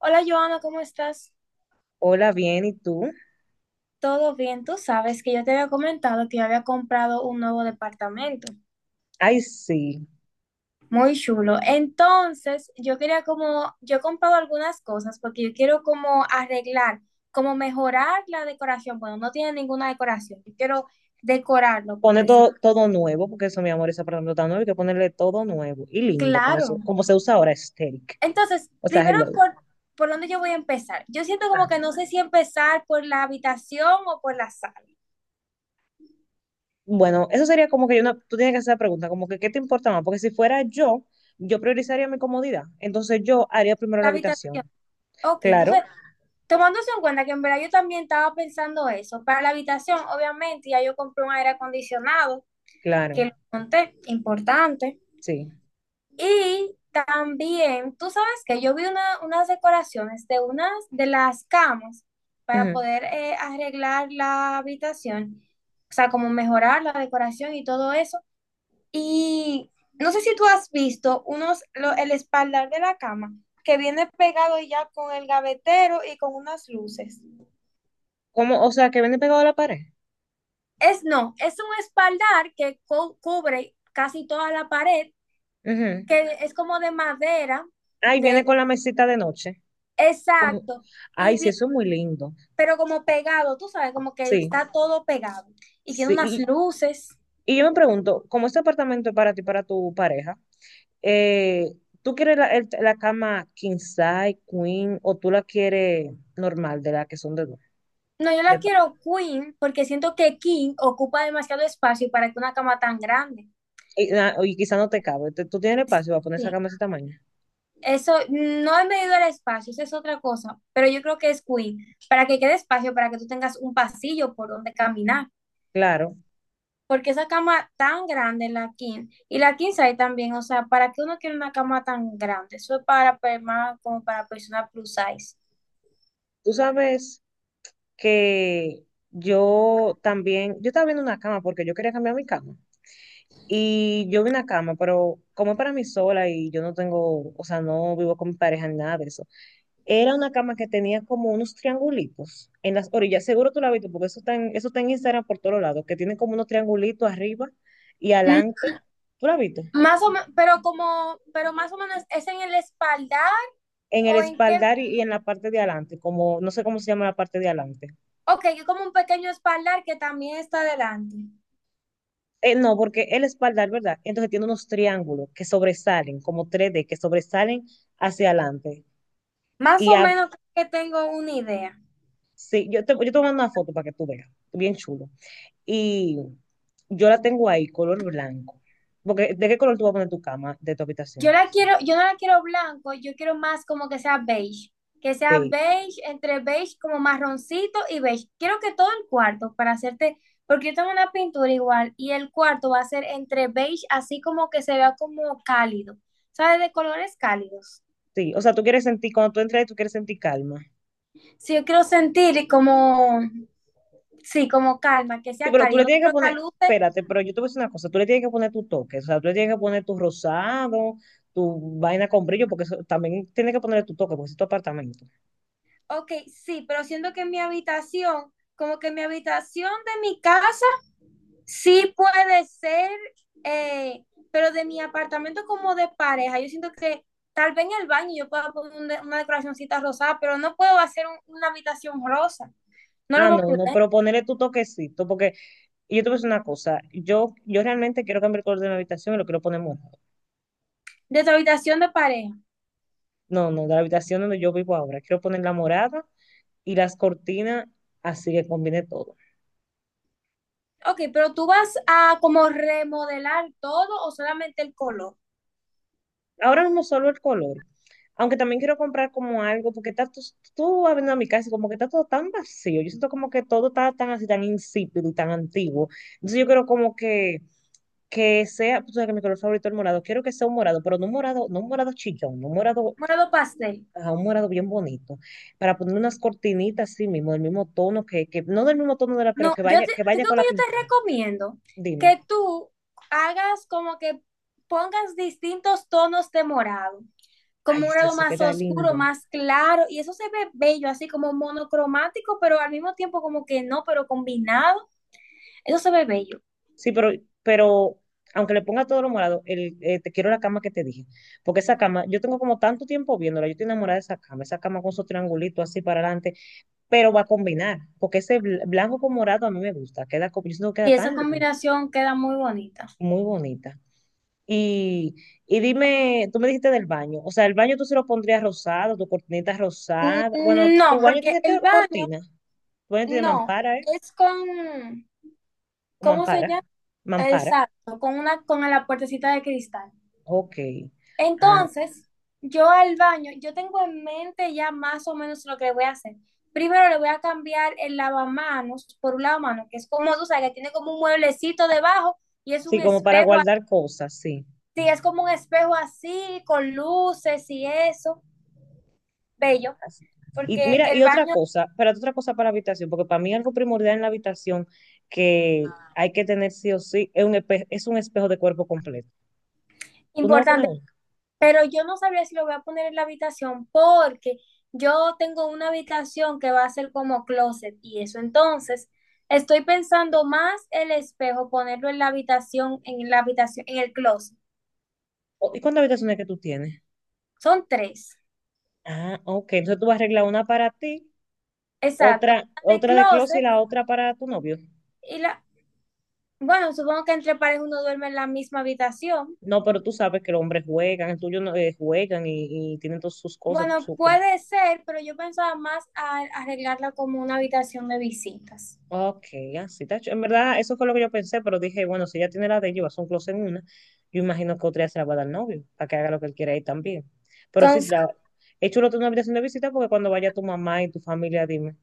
Hola Joana, ¿cómo estás? Hola, bien, ¿y tú? ¿Todo bien? Tú sabes que yo te había comentado que yo había comprado un nuevo departamento. Ay, sí. Muy chulo. Entonces, yo quería como, yo he comprado algunas cosas porque yo quiero como arreglar, como mejorar la decoración. Bueno, no tiene ninguna decoración. Yo quiero decorarlo, por Pone decir. todo nuevo, porque eso, mi amor, esa palabra tan nuevo, hay que ponerle todo nuevo y lindo, Claro. Como se usa ahora, aesthetic. Entonces, O sea, primero, hello. ¿Por dónde yo voy a empezar? Yo siento Ah. como que no sé si empezar por la habitación o por la sala. Bueno, eso sería como que yo no, tú tienes que hacer la pregunta, como que, ¿qué te importa más? Porque si fuera yo, yo priorizaría mi comodidad. Entonces yo haría primero la La habitación. habitación. Ok, Claro, entonces tomándose en cuenta que en verdad yo también estaba pensando eso. Para la habitación, obviamente, ya yo compré un aire acondicionado, que claro, lo monté, importante. sí. Y también, tú sabes que yo vi unas decoraciones de unas de las camas para Ujú. poder arreglar la habitación, o sea, como mejorar la decoración y todo eso. Y no sé si tú has visto el espaldar de la cama, que viene pegado ya con el gavetero y con unas luces. Como, o sea, que viene pegado a la pared. Es no, es un espaldar que cubre casi toda la pared, Ujú. que es como de madera, Ay, viene con la mesita de noche. Como- exacto, y Ay, sí, bien- eso es muy lindo. pero como pegado, tú sabes, como que Sí, está todo pegado y tiene sí. unas Y, luces. y yo me pregunto, como este apartamento es para ti y para tu pareja, eh, ¿tú quieres la cama king size, queen, o tú la quieres normal, de la que son de dos? No, yo la de pa- quiero queen porque siento que king ocupa demasiado espacio para que una cama tan grande. y, y quizá no te cabe, ¿tú tienes el espacio para poner Sí. esa cama de ese tamaño? Eso, no he medido el espacio, eso es otra cosa, pero yo creo que es queen para que quede espacio para que tú tengas un pasillo por donde caminar. Claro. Porque esa cama tan grande, la king, y la king size también, o sea, ¿para qué uno quiere una cama tan grande? Eso es más como para personas plus size. Tú sabes que yo también, yo estaba viendo una cama porque yo quería cambiar mi cama. Y yo vi una cama, pero como es para mí sola y yo no tengo, o sea, no vivo con mi pareja ni nada de eso. Era una cama que tenía como unos triangulitos en las orillas. Seguro tú la has visto, porque eso está en Instagram por todos lados, que tiene como unos triangulitos arriba y Mm, adelante. ¿Tú la has visto? más o menos, pero más o menos, ¿es en el espaldar En el o en qué? espaldar y en la parte de adelante, como no sé cómo se llama la parte de adelante. Ok, es como un pequeño espaldar que también está adelante. No, porque el espaldar, ¿verdad? Entonces tiene unos triángulos que sobresalen, como 3D, que sobresalen hacia adelante. Más Y o a- menos creo que tengo una idea. sí, yo te voy una foto para que tú veas. Bien chulo. Y yo la tengo ahí, color blanco. Porque ¿de qué color tú vas a poner tu cama de tu habitación? Yo la quiero, yo no la quiero blanco, yo quiero más como que sea beige, Sí, entre beige como marroncito y beige. Quiero que todo el cuarto para hacerte, porque yo tengo una pintura igual y el cuarto va a ser entre beige, así como que se vea como cálido, ¿sabes? De colores cálidos. sí. O sea, tú quieres sentir, cuando tú entras ahí, tú quieres sentir calma. Si yo quiero sentir como, sí, como calma, que Sí, sea pero tú le cálido, no tienes que quiero poner, caluce. espérate, pero yo te voy a decir una cosa, tú le tienes que poner tu toque, o sea, tú le tienes que poner tu rosado, tu vaina con brillo, porque eso también tienes que ponerle tu toque, porque es tu apartamento. Ok, sí, pero siento que mi habitación, como que mi habitación de mi casa sí puede ser, eh, pero de mi apartamento como de pareja, yo siento que tal vez en el baño yo pueda poner una decoracióncita rosada, pero no puedo hacer una habitación rosa. No lo Ah, no, puedo no, poner. pero ponerle tu toquecito, porque y yo te voy a decir una cosa, yo realmente quiero cambiar el color de mi habitación y lo quiero poner morado. De tu habitación de pareja. No, no, de la habitación donde yo vivo ahora, quiero poner la morada y las cortinas, así que combine todo. Ok, pero tú vas a como remodelar todo o solamente el color. Ahora mismo solo el color, aunque también quiero comprar como algo, porque está tú, tú abriendo a mi casa y como que está todo tan vacío, yo siento como que todo está tan así, tan insípido y tan antiguo. Entonces yo quiero como que sea, tú sabes que mi color favorito es el morado, quiero que sea un morado, pero no un morado, no un morado chillón, no un morado, Morado pastel. ah, un morado bien bonito, para poner unas cortinitas así mismo, del mismo tono, que no del mismo tono de la, pero No, yo, te, que yo vaya creo con que la yo te pintura. recomiendo Dime. que tú hagas como que pongas distintos tonos de morado, como Ay, un si grado eso más queda oscuro, lindo. más claro, y eso se ve bello, así como monocromático, pero al mismo tiempo como que no, pero combinado, eso se ve bello. Sí, pero aunque le ponga todo lo morado, el, te quiero la cama que te dije. Porque esa cama, yo tengo como tanto tiempo viéndola, yo estoy enamorada de esa cama con su triangulito así para adelante, pero va a combinar, porque ese blanco con morado a mí me gusta, queda, yo siento que queda Y tan esa lindo, combinación queda muy bonita. muy bonita. Y, y dime, tú me dijiste del baño, o sea, el baño tú se lo pondrías rosado, tu cortinita rosada. Bueno, Mm, tu no, baño porque tiene que el baño, cortina, tu baño tiene no, mampara, ¿eh? es con, O ¿cómo se mampara, llama? mampara, Exacto, con una, con la puertecita de cristal. ok. Ah, Entonces, yo al baño, yo tengo en mente ya más o menos lo que voy a hacer. Primero le voy a cambiar el lavamanos por un lavamanos, que es como, tú sabes, que tiene como un mueblecito debajo y es sí, un como para espejo guardar cosas, sí. Es como un espejo así, con luces y eso, bello, Así. Y porque mira, el y otra baño cosa, espérate, otra cosa para habitación, porque para mí algo primordial en la habitación que hay que tener sí o sí es un, es un espejo de cuerpo completo. es Tú no vas a poner importante. uno. Pero yo no sabría si lo voy a poner en la habitación porque yo tengo una habitación que va a ser como closet y eso, entonces estoy pensando más el espejo ponerlo en la habitación, en el closet. ¿Y cuántas habitaciones que tú tienes? Son tres, Ah, ok. Entonces tú vas a arreglar una para ti, exacto, la de otra de closet y closet la otra para tu novio. y la, bueno, supongo que entre pares uno duerme en la misma habitación. No, pero tú sabes que los hombres juegan, el tuyo no, juegan y tienen todas sus cosas, Bueno, sus puede ser, pero yo pensaba más a arreglarla como una habitación de visitas. Ok, así está. En verdad, eso fue lo que yo pensé, pero dije, bueno, si ella tiene la de ella y va a hacer un closet en una, yo imagino que otra ya se la va a dar al novio, para que haga lo que él quiera ahí también. Pero sí, Entonces, la, es chulo tener una habitación de visita porque cuando vaya tu mamá y tu familia, dime,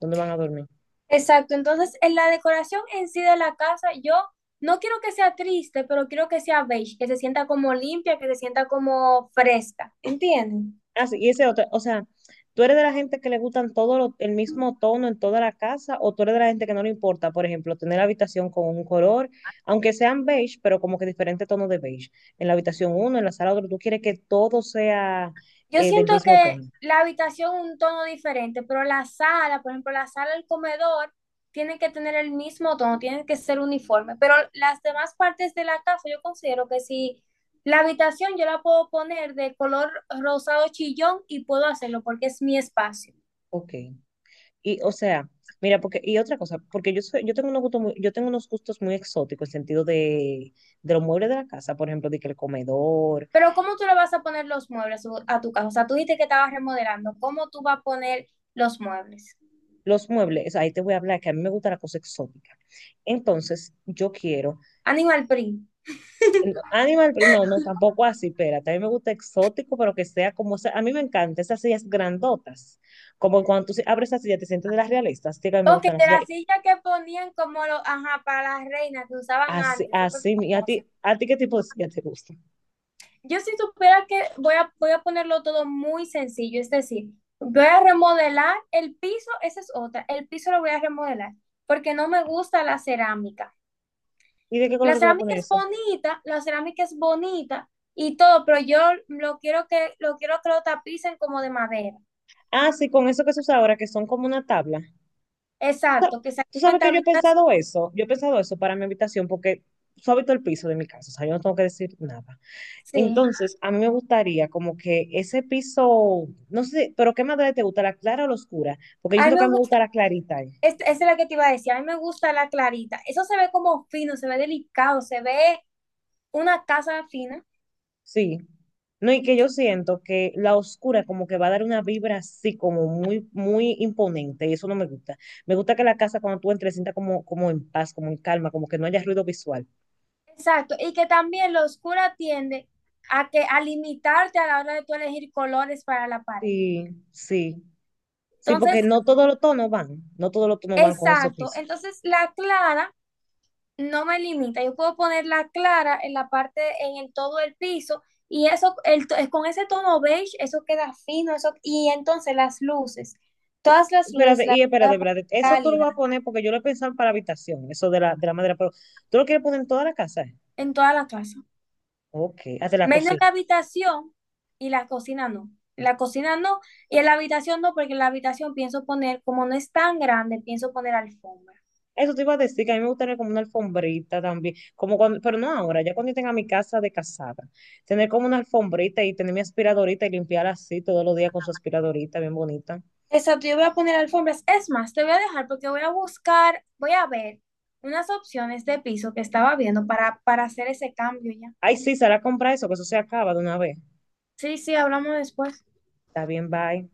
¿dónde van a dormir? exacto, entonces en la decoración en sí de la casa, yo no quiero que sea triste, pero quiero que sea beige, que se sienta como limpia, que se sienta como fresca, ¿entienden? Así, y ese otro, o sea, ¿tú eres de la gente que le gustan todo el mismo tono en toda la casa o tú eres de la gente que no le importa, por ejemplo, tener la habitación con un color, aunque sean beige, pero como que diferente tono de beige? En la habitación uno, en la sala otro, tú quieres que todo sea Yo del siento mismo que tono. la habitación un tono diferente, pero la sala, por ejemplo, la sala del comedor, tienen que tener el mismo tono, tienen que ser uniforme, pero las demás partes de la casa yo considero que si la habitación yo la puedo poner de color rosado chillón y puedo hacerlo porque es mi espacio. Ok. Y, o sea, mira, porque, y otra cosa, porque yo, yo tengo unos gustos muy, yo tengo unos gustos muy exóticos en sentido de los muebles de la casa, por ejemplo, de que el comedor, Pero ¿cómo tú le vas a poner los muebles a tu casa? O sea, tú dijiste que estabas remodelando. ¿Cómo tú vas a poner los muebles? los muebles, ahí te voy a hablar que a mí me gusta la cosa exótica. Entonces, yo quiero Animal print. Animal, print, no, no, tampoco así, espérate, a mí me gusta exótico, pero que sea como, a mí me encantan esas sillas grandotas, como cuando tú abres esa silla, te sientes de las realistas, Tío, que a mí me Ok, gustan las de sillas las sillas que ponían como los, ajá, para las reinas que usaban así, antes, súper así, y famosas. ¿A ti qué tipo de silla te gusta? Yo si supiera que voy a ponerlo todo muy sencillo, es decir, voy a remodelar el piso, esa es otra, el piso lo voy a remodelar porque no me gusta la cerámica. ¿Y de qué La color tú vas a cerámica poner es eso? bonita, y todo, pero yo lo quiero que lo tapicen como de madera. Ah, sí, con eso que se usa ahora, que son como una tabla. ¿Tú sa- Exacto, que ¿Tú saquen con sabes que yo he tablitas, pensado eso? Yo he pensado eso para mi habitación porque suavito el piso de mi casa, o sea, yo no tengo que decir nada. sí. Entonces, a mí me gustaría como que ese piso, no sé, pero ¿qué madre te gusta, la clara o la oscura? Porque yo A mí siento que me a mí me gusta gusta, la clarita, eh. Esa es la que te iba a decir, a mí me gusta la clarita. Eso se ve como fino, se ve delicado, se ve una casa fina. Sí. No, y que yo siento que la oscura como que va a dar una vibra así como muy imponente y eso no me gusta. Me gusta que la casa cuando tú entres sienta como, como en paz, como en calma, como que no haya ruido visual. Exacto, y que también lo oscura tiende a que a limitarte a la hora de tú elegir colores para la pared. Sí, sí, sí, Entonces, porque no todos los tonos van, no todos los tonos van con esos exacto, pisos. entonces la clara no me limita. Yo puedo ponerla clara en la parte, en el todo el piso, y eso, con ese tono beige, eso queda fino, eso, y entonces las luces, todas las luces Espérate, las y voy a poner espérate. Eso tú lo cálidas vas a poner porque yo lo he pensado para habitación, eso de la madera, pero tú lo quieres poner en toda la casa, ¿eh? en toda la casa, Ok, hasta la menos en cocina. la habitación y la cocina no. En la cocina no, y en la habitación no, porque en la habitación pienso poner, como no es tan grande, pienso poner alfombra. Eso te iba a decir que a mí me gustaría como una alfombrita también, como cuando, pero no ahora, ya cuando yo tenga mi casa de casada, tener como una alfombrita y tener mi aspiradorita y limpiar así todos los días con su aspiradorita bien bonita. Exacto, yo voy a poner alfombras. Es más, te voy a dejar porque voy a buscar, voy a ver unas opciones de piso que estaba viendo para hacer ese cambio ya. Ay, sí, será comprar eso, que eso se acaba de una vez. Sí, sí, hablamos después. Está bien, bye.